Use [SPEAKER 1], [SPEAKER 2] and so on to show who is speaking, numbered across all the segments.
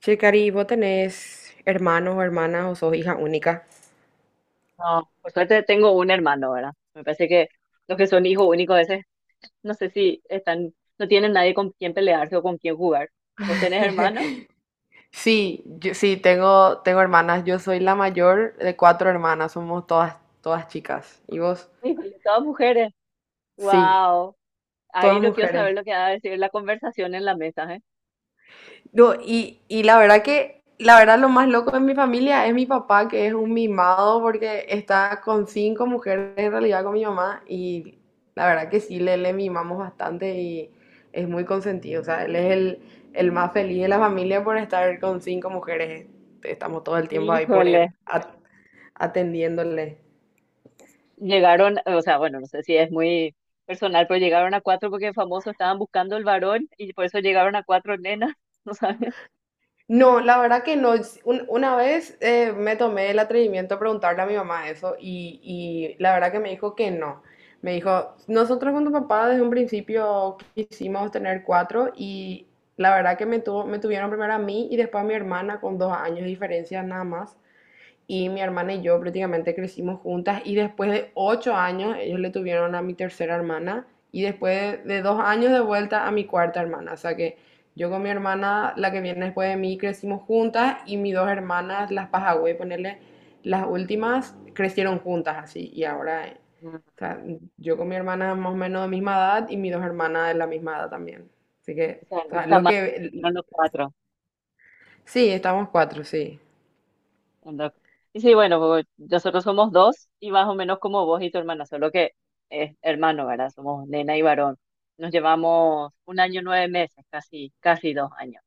[SPEAKER 1] Che, Cari, ¿vos tenés hermanos o hermanas o sos hija única?
[SPEAKER 2] No, por suerte tengo un hermano, ¿verdad? Me parece que los que son hijos únicos a veces no sé si están, no tienen nadie con quien pelearse o con quien jugar. ¿Vos tenés hermano?
[SPEAKER 1] Sí, yo, sí, tengo hermanas. Yo soy la mayor de cuatro hermanas. Somos todas chicas. ¿Y vos?
[SPEAKER 2] Híjole, todas mujeres.
[SPEAKER 1] Sí,
[SPEAKER 2] Wow. Ahí
[SPEAKER 1] todas
[SPEAKER 2] no quiero
[SPEAKER 1] mujeres.
[SPEAKER 2] saber lo que va a decir la conversación en la mesa, ¿eh?
[SPEAKER 1] No, y la verdad que, la verdad, lo más loco de mi familia es mi papá, que es un mimado porque está con cinco mujeres, en realidad con mi mamá, y la verdad que sí, le mimamos bastante y es muy consentido. O sea, él es el más feliz de la familia por estar con cinco mujeres. Estamos todo el tiempo ahí por
[SPEAKER 2] Híjole.
[SPEAKER 1] él, atendiéndole.
[SPEAKER 2] Llegaron, o sea, bueno, no sé si es muy personal, pero llegaron a cuatro porque famoso estaban buscando el varón y por eso llegaron a cuatro nenas, ¿no sabes?
[SPEAKER 1] No, la verdad que no. Una vez, me tomé el atrevimiento de preguntarle a mi mamá eso, y la verdad que me dijo que no. Me dijo, nosotros con tu papá desde un principio quisimos tener cuatro, y la verdad que me tuvieron primero a mí y después a mi hermana con 2 años de diferencia, nada más. Y mi hermana y yo prácticamente crecimos juntas, y después de 8 años ellos le tuvieron a mi tercera hermana, y después de 2 años de vuelta a mi cuarta hermana. O sea que yo con mi hermana, la que viene después de mí, crecimos juntas, y mis dos hermanas, las Pajagüey, ponerle las últimas, crecieron juntas así. Y ahora,
[SPEAKER 2] Ah,
[SPEAKER 1] o sea, yo con mi hermana más o menos de misma edad, y mis dos hermanas de la misma edad también. Así que,
[SPEAKER 2] o sea,
[SPEAKER 1] o
[SPEAKER 2] no
[SPEAKER 1] sea,
[SPEAKER 2] está
[SPEAKER 1] lo
[SPEAKER 2] mal,
[SPEAKER 1] que...
[SPEAKER 2] hicieron los cuatro.
[SPEAKER 1] Sí, estamos cuatro, sí.
[SPEAKER 2] Anda. Y sí, bueno, pues, nosotros somos dos y más o menos como vos y tu hermana, solo que es hermano, ¿verdad? Somos nena y varón. Nos llevamos 1 año, 9 meses, casi, casi 2 años.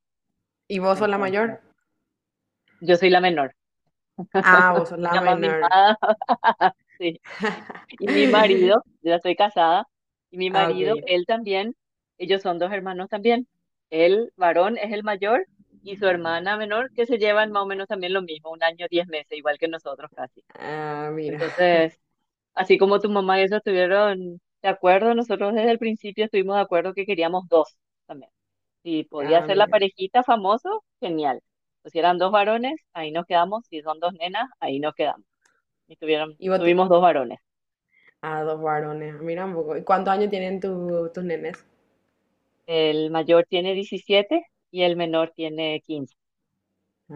[SPEAKER 1] ¿Y vos sos la
[SPEAKER 2] Entonces,
[SPEAKER 1] mayor?
[SPEAKER 2] yo soy la menor,
[SPEAKER 1] Ah, vos sos la
[SPEAKER 2] la más
[SPEAKER 1] menor.
[SPEAKER 2] mimada, sí. Y mi marido, yo ya estoy casada, y mi
[SPEAKER 1] Ah,
[SPEAKER 2] marido,
[SPEAKER 1] ok.
[SPEAKER 2] él también, ellos son dos hermanos también. El varón es el mayor y su hermana menor, que se llevan más o menos también lo mismo, 1 año, 10 meses, igual que nosotros casi.
[SPEAKER 1] Ah, mira.
[SPEAKER 2] Entonces, así como tu mamá y eso estuvieron de acuerdo, nosotros desde el principio estuvimos de acuerdo que queríamos dos también. Si podía
[SPEAKER 1] Ah,
[SPEAKER 2] ser la
[SPEAKER 1] mira.
[SPEAKER 2] parejita famoso, genial. Pues si eran dos varones, ahí nos quedamos. Si son dos nenas, ahí nos quedamos. Y tuvieron,
[SPEAKER 1] Y vos te-
[SPEAKER 2] tuvimos dos varones.
[SPEAKER 1] Ah, dos varones. Ah, mira un poco. ¿Y cuántos años tienen tus nenes?
[SPEAKER 2] El mayor tiene 17 y el menor tiene 15.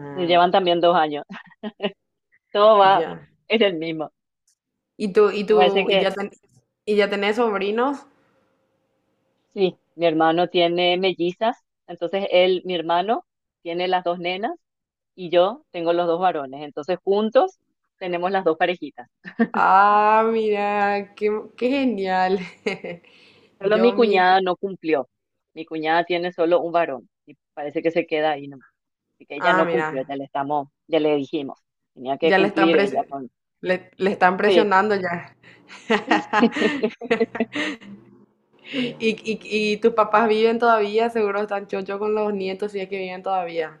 [SPEAKER 2] Entonces llevan también 2 años. Todo va
[SPEAKER 1] ya.
[SPEAKER 2] en el mismo.
[SPEAKER 1] ¿Y tú, y
[SPEAKER 2] Me parece
[SPEAKER 1] tú,
[SPEAKER 2] que
[SPEAKER 1] y ya tenés sobrinos?
[SPEAKER 2] sí, mi hermano tiene mellizas, entonces él, mi hermano, tiene las dos nenas y yo tengo los dos varones, entonces juntos tenemos las dos parejitas.
[SPEAKER 1] Ah, mira, qué genial.
[SPEAKER 2] Solo mi
[SPEAKER 1] Yo, mi... her-
[SPEAKER 2] cuñada no cumplió, mi cuñada tiene solo un varón y parece que se queda ahí, nomás. Así que ella
[SPEAKER 1] Ah,
[SPEAKER 2] no cumplió,
[SPEAKER 1] mira.
[SPEAKER 2] ya le dijimos, tenía que
[SPEAKER 1] Ya le están
[SPEAKER 2] cumplir ella con. Sí.
[SPEAKER 1] presionando ya. Y, y tus papás viven todavía, seguro están chocho con los nietos, si es que viven todavía.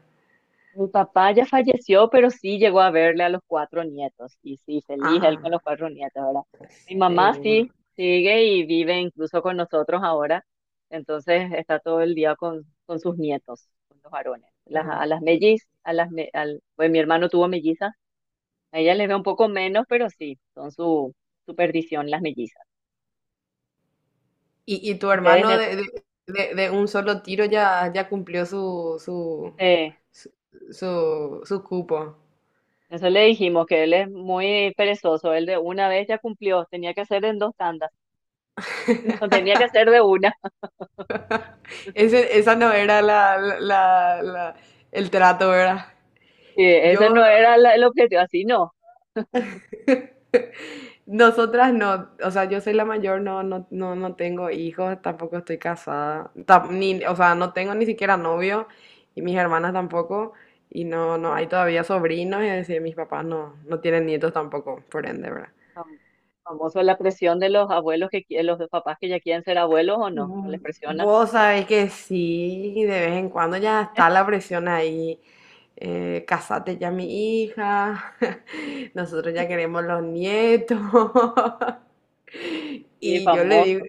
[SPEAKER 2] Mi papá ya falleció, pero sí llegó a verle a los cuatro nietos. Y sí, feliz él con los
[SPEAKER 1] Ah,
[SPEAKER 2] cuatro nietos, ¿verdad? Mi mamá
[SPEAKER 1] seguro.
[SPEAKER 2] sí sigue y vive incluso con nosotros ahora. Entonces está todo el día con sus nietos, con los varones. Las,
[SPEAKER 1] Ah,
[SPEAKER 2] a las
[SPEAKER 1] qué-
[SPEAKER 2] mellizas, a las, me- al, pues mi hermano tuvo mellizas. A ella les ve un poco menos, pero sí, son su perdición las mellizas.
[SPEAKER 1] y tu
[SPEAKER 2] Ustedes
[SPEAKER 1] hermano,
[SPEAKER 2] ya,
[SPEAKER 1] de un solo tiro ya, ya cumplió su,
[SPEAKER 2] eh,
[SPEAKER 1] su, su cupo.
[SPEAKER 2] eso le dijimos, que él es muy perezoso. Él de una vez ya cumplió, tenía que hacer en dos tandas, no tenía que hacer de una.
[SPEAKER 1] Esa no era el trato, ¿verdad?
[SPEAKER 2] Ese
[SPEAKER 1] Yo
[SPEAKER 2] no era el objetivo, así no.
[SPEAKER 1] Nosotras no. O sea, yo soy la mayor, no, no, no, no tengo hijos, tampoco estoy casada, ni, o sea, no tengo ni siquiera novio, y mis hermanas tampoco, y no, no hay todavía sobrinos, y decir, mis papás no, no tienen nietos tampoco, por ende, ¿verdad?
[SPEAKER 2] Fam- Famoso la presión de los abuelos los papás que ya quieren ser abuelos o no, no
[SPEAKER 1] Mm,
[SPEAKER 2] les presionan.
[SPEAKER 1] Vos sabés que sí, de vez en cuando ya está la presión ahí, casate ya, mi hija, nosotros ya queremos los nietos.
[SPEAKER 2] Sí,
[SPEAKER 1] Y yo le digo,
[SPEAKER 2] famoso.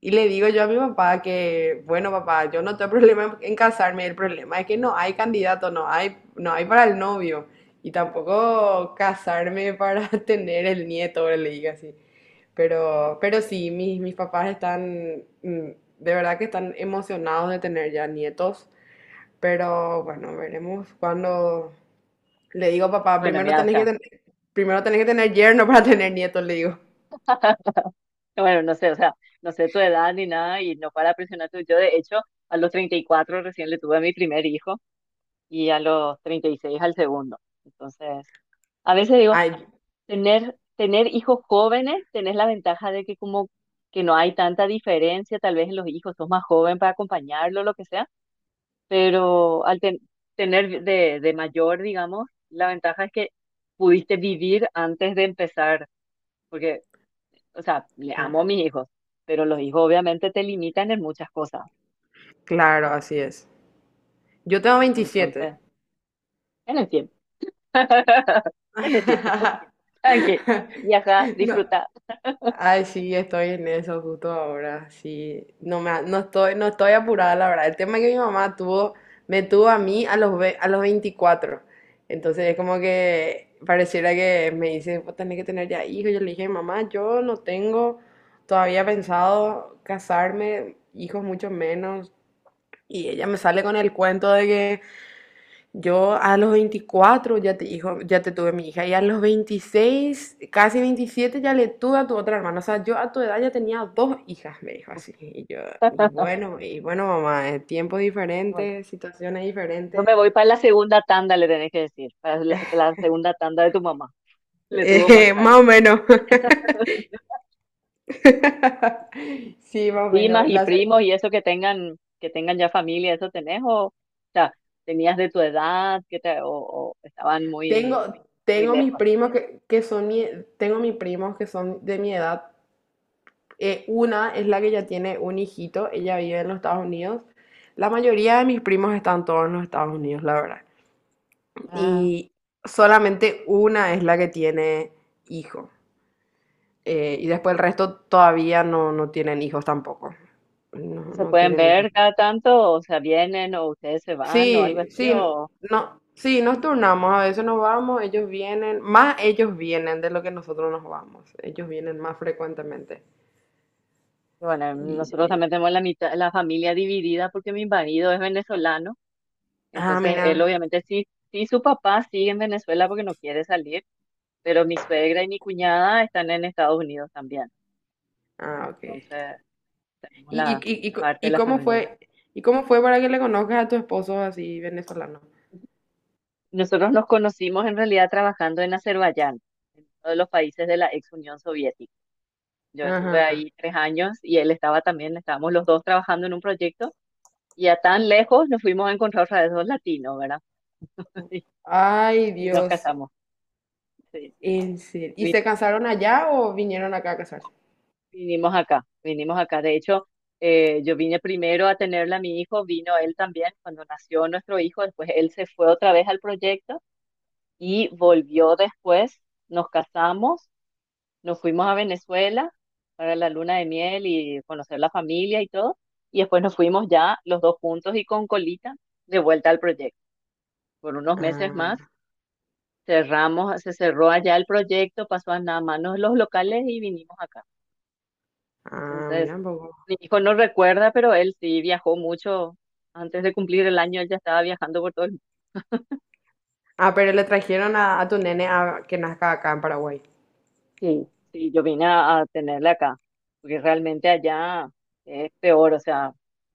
[SPEAKER 1] y le digo yo a mi papá que, bueno, papá, yo no tengo problema en casarme, el problema es que no hay candidato, no hay, no hay para el novio. Y tampoco casarme para tener el nieto, le digo así. Pero sí, mis papás están, de verdad que están emocionados de tener ya nietos. Pero bueno, veremos. Cuando le digo, papá,
[SPEAKER 2] Bueno,
[SPEAKER 1] primero
[SPEAKER 2] mira, o
[SPEAKER 1] tenés que
[SPEAKER 2] sea,
[SPEAKER 1] tener, primero tenés que tener yerno para tener nietos, le digo.
[SPEAKER 2] bueno, no sé, o sea, no sé tu edad ni nada y no para presionarte. Yo, de hecho, a los 34 recién le tuve a mi primer hijo y a los 36 al segundo. Entonces, a veces digo,
[SPEAKER 1] Ay,
[SPEAKER 2] tener hijos jóvenes, tenés la ventaja de que como que no hay tanta diferencia, tal vez en los hijos, sos más joven para acompañarlo, lo que sea pero al tener de mayor, digamos, la ventaja es que pudiste vivir antes de empezar, porque, o sea, le amo a mis hijos, pero los hijos obviamente te limitan en muchas cosas,
[SPEAKER 1] claro, así es. Yo tengo 27.
[SPEAKER 2] entonces, en el tiempo, en el tiempo, tranqui, viaja,
[SPEAKER 1] No.
[SPEAKER 2] disfruta.
[SPEAKER 1] Ay, sí, estoy en eso justo ahora. Sí, no estoy apurada, la verdad. El tema es que me tuvo a mí a los, a los 24. Entonces es como que pareciera que me dice, vos tenés que tener ya hijos. Yo le dije, mamá, yo no tengo todavía pensado casarme, hijos mucho menos. Y ella me sale con el cuento de que yo a los 24 hijo, ya te tuve, mi hija, y a los 26, casi 27, ya le tuve a tu otra hermana. O sea, yo a tu edad ya tenía dos hijas, me dijo así. Y yo, y bueno, mamá, tiempos
[SPEAKER 2] Bueno,
[SPEAKER 1] diferentes, situaciones
[SPEAKER 2] yo
[SPEAKER 1] diferentes.
[SPEAKER 2] me voy para la segunda tanda, le tenés que decir, para la segunda tanda de tu mamá, le tuvo más tarde.
[SPEAKER 1] Más o menos. Sí, más o menos.
[SPEAKER 2] Primas y primos y eso que tengan ya familia, ¿eso tenés? O sea, tenías de tu edad, que te, o estaban muy,
[SPEAKER 1] Tengo,
[SPEAKER 2] muy
[SPEAKER 1] tengo mis
[SPEAKER 2] lejos.
[SPEAKER 1] primos que son de mi edad. Una es la que ya tiene un hijito, ella vive en los Estados Unidos. La mayoría de mis primos están todos en los Estados Unidos, la verdad.
[SPEAKER 2] Ah,
[SPEAKER 1] Y solamente una es la que tiene hijo. Y después el resto todavía no, no tienen hijos tampoco. No,
[SPEAKER 2] ¿y se
[SPEAKER 1] no
[SPEAKER 2] pueden
[SPEAKER 1] tienen hijos.
[SPEAKER 2] ver cada tanto, o sea, vienen, o ustedes se van, o algo
[SPEAKER 1] Sí,
[SPEAKER 2] así,
[SPEAKER 1] sí,
[SPEAKER 2] o
[SPEAKER 1] no, sí, nos turnamos, a veces nos vamos, ellos vienen, más ellos vienen de lo que nosotros nos vamos, ellos vienen más frecuentemente.
[SPEAKER 2] bueno,
[SPEAKER 1] Y,
[SPEAKER 2] nosotros
[SPEAKER 1] y-
[SPEAKER 2] también tenemos la mitad, la familia dividida porque mi marido es venezolano,
[SPEAKER 1] ah,
[SPEAKER 2] entonces él
[SPEAKER 1] mira,
[SPEAKER 2] obviamente sí su papá sigue en Venezuela porque no quiere salir, pero mi suegra y mi cuñada están en Estados Unidos también.
[SPEAKER 1] ah, ok.
[SPEAKER 2] Entonces, tenemos
[SPEAKER 1] ¿Y, y,
[SPEAKER 2] la
[SPEAKER 1] y, y, co-
[SPEAKER 2] parte de
[SPEAKER 1] y
[SPEAKER 2] la
[SPEAKER 1] cómo
[SPEAKER 2] familia.
[SPEAKER 1] fue, para que le conozcas a tu esposo así venezolano?
[SPEAKER 2] Nosotros nos conocimos en realidad trabajando en Azerbaiyán, en uno de los países de la ex Unión Soviética. Yo estuve
[SPEAKER 1] Ajá.
[SPEAKER 2] ahí 3 años y él estaba también, estábamos los dos trabajando en un proyecto y a tan lejos nos fuimos a encontrar otra vez dos latinos, ¿verdad?
[SPEAKER 1] Ay,
[SPEAKER 2] Y nos
[SPEAKER 1] Dios.
[SPEAKER 2] casamos. Sí.
[SPEAKER 1] En serio.
[SPEAKER 2] Y
[SPEAKER 1] ¿Y
[SPEAKER 2] vi-
[SPEAKER 1] se casaron allá o vinieron acá a casarse?
[SPEAKER 2] Vinimos acá, vinimos acá. De hecho, yo vine primero a tenerla a mi hijo, vino él también cuando nació nuestro hijo, después él se fue otra vez al proyecto y volvió después, nos casamos. Nos fuimos a Venezuela para la luna de miel y conocer la familia y todo. Y después nos fuimos ya los dos juntos y con colita de vuelta al proyecto. Por unos meses más
[SPEAKER 1] Ah,
[SPEAKER 2] cerramos, se cerró allá el proyecto, pasó a nada manos los locales y vinimos acá.
[SPEAKER 1] ah,
[SPEAKER 2] Entonces,
[SPEAKER 1] mira un poco.
[SPEAKER 2] mi hijo no recuerda, pero él sí viajó mucho. Antes de cumplir el año, él ya estaba viajando por todo el.
[SPEAKER 1] Ah, pero le trajeron a tu nene a que nazca acá en Paraguay.
[SPEAKER 2] Sí, sí, yo vine a tenerla acá, porque realmente allá es peor, o sea,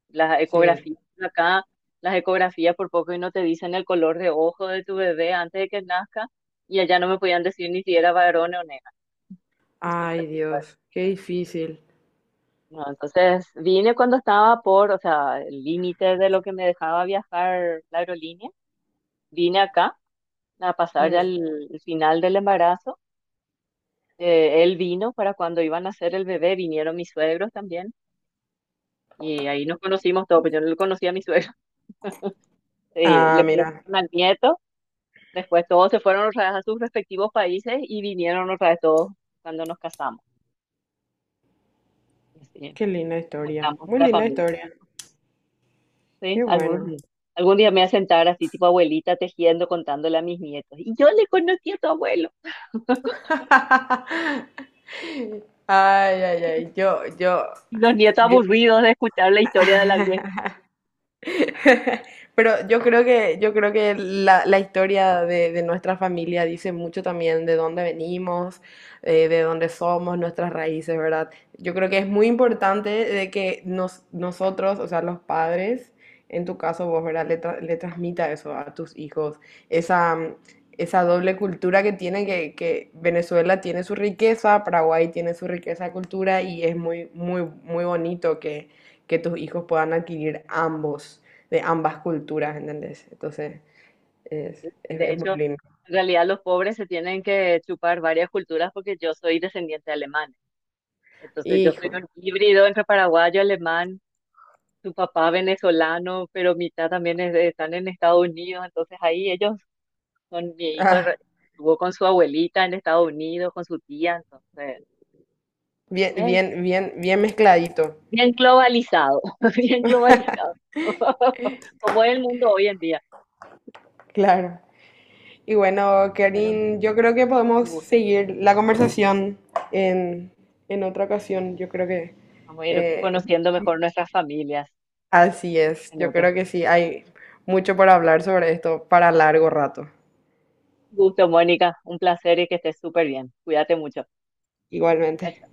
[SPEAKER 2] las
[SPEAKER 1] Sí.
[SPEAKER 2] ecografías acá, las ecografías por poco y no te dicen el color de ojo de tu bebé antes de que nazca, y allá no me podían decir ni si era varón o nena. Entonces,
[SPEAKER 1] Ay,
[SPEAKER 2] bueno,
[SPEAKER 1] Dios, qué difícil.
[SPEAKER 2] no, entonces vine cuando estaba por, o sea, el límite de lo que me dejaba viajar la aerolínea, vine acá a pasar ya
[SPEAKER 1] Mm.
[SPEAKER 2] el final del embarazo. Él vino para cuando iban a hacer el bebé, vinieron mis suegros también. Y ahí nos conocimos todos, pero yo no le conocí a mi suegro,
[SPEAKER 1] Ah,
[SPEAKER 2] le
[SPEAKER 1] mira,
[SPEAKER 2] conocieron al nieto, después todos se fueron otra vez a sus respectivos países y vinieron otra vez todos cuando nos casamos. Y así,
[SPEAKER 1] qué linda historia.
[SPEAKER 2] juntamos
[SPEAKER 1] Muy
[SPEAKER 2] la
[SPEAKER 1] linda
[SPEAKER 2] familia,
[SPEAKER 1] historia.
[SPEAKER 2] ¿sí?
[SPEAKER 1] Qué bueno.
[SPEAKER 2] Algún día me voy a sentar así, tipo abuelita, tejiendo, contándole a mis nietos. Y yo le conocí a tu abuelo.
[SPEAKER 1] Ay, ay, ay.
[SPEAKER 2] Y los nietos
[SPEAKER 1] Yo,
[SPEAKER 2] aburridos de escuchar la historia de la vieja.
[SPEAKER 1] pero yo creo que la historia de nuestra familia dice mucho también de dónde venimos, de dónde somos, nuestras raíces, ¿verdad? Yo creo que es muy importante de que nosotros, o sea, los padres, en tu caso vos, ¿verdad? Le, le transmita eso a tus hijos, esa, esa doble cultura que tiene, que Venezuela tiene su riqueza, Paraguay tiene su riqueza de cultura, y es muy, muy, muy bonito que tus hijos puedan adquirir ambos, de ambas culturas, ¿entendés? Entonces, es,
[SPEAKER 2] ¿Sí?
[SPEAKER 1] es,
[SPEAKER 2] De
[SPEAKER 1] es muy
[SPEAKER 2] hecho,
[SPEAKER 1] lindo.
[SPEAKER 2] en realidad los pobres se tienen que chupar varias culturas porque yo soy descendiente de alemán. Entonces yo soy
[SPEAKER 1] Hijo,
[SPEAKER 2] un híbrido entre paraguayo, alemán, tu papá venezolano, pero mitad también es están en Estados Unidos, entonces ahí ellos, son mi hijo re-
[SPEAKER 1] ah,
[SPEAKER 2] estuvo con su abuelita en Estados Unidos, con su tía, entonces,
[SPEAKER 1] bien,
[SPEAKER 2] bien,
[SPEAKER 1] bien, bien, bien mezcladito,
[SPEAKER 2] bien globalizado, bien globalizado, como es el mundo hoy en día.
[SPEAKER 1] claro. Y bueno,
[SPEAKER 2] Bueno,
[SPEAKER 1] Karin, yo creo que
[SPEAKER 2] un
[SPEAKER 1] podemos
[SPEAKER 2] gusto.
[SPEAKER 1] seguir la conversación en, en otra ocasión. Yo creo que
[SPEAKER 2] Vamos a ir
[SPEAKER 1] eh,
[SPEAKER 2] conociendo mejor nuestras familias
[SPEAKER 1] así es,
[SPEAKER 2] en
[SPEAKER 1] yo
[SPEAKER 2] otro.
[SPEAKER 1] creo que sí, hay mucho por hablar sobre esto para largo rato,
[SPEAKER 2] Un gusto, Mónica, un placer y que estés súper bien. Cuídate mucho. Chao,
[SPEAKER 1] igualmente.
[SPEAKER 2] chao.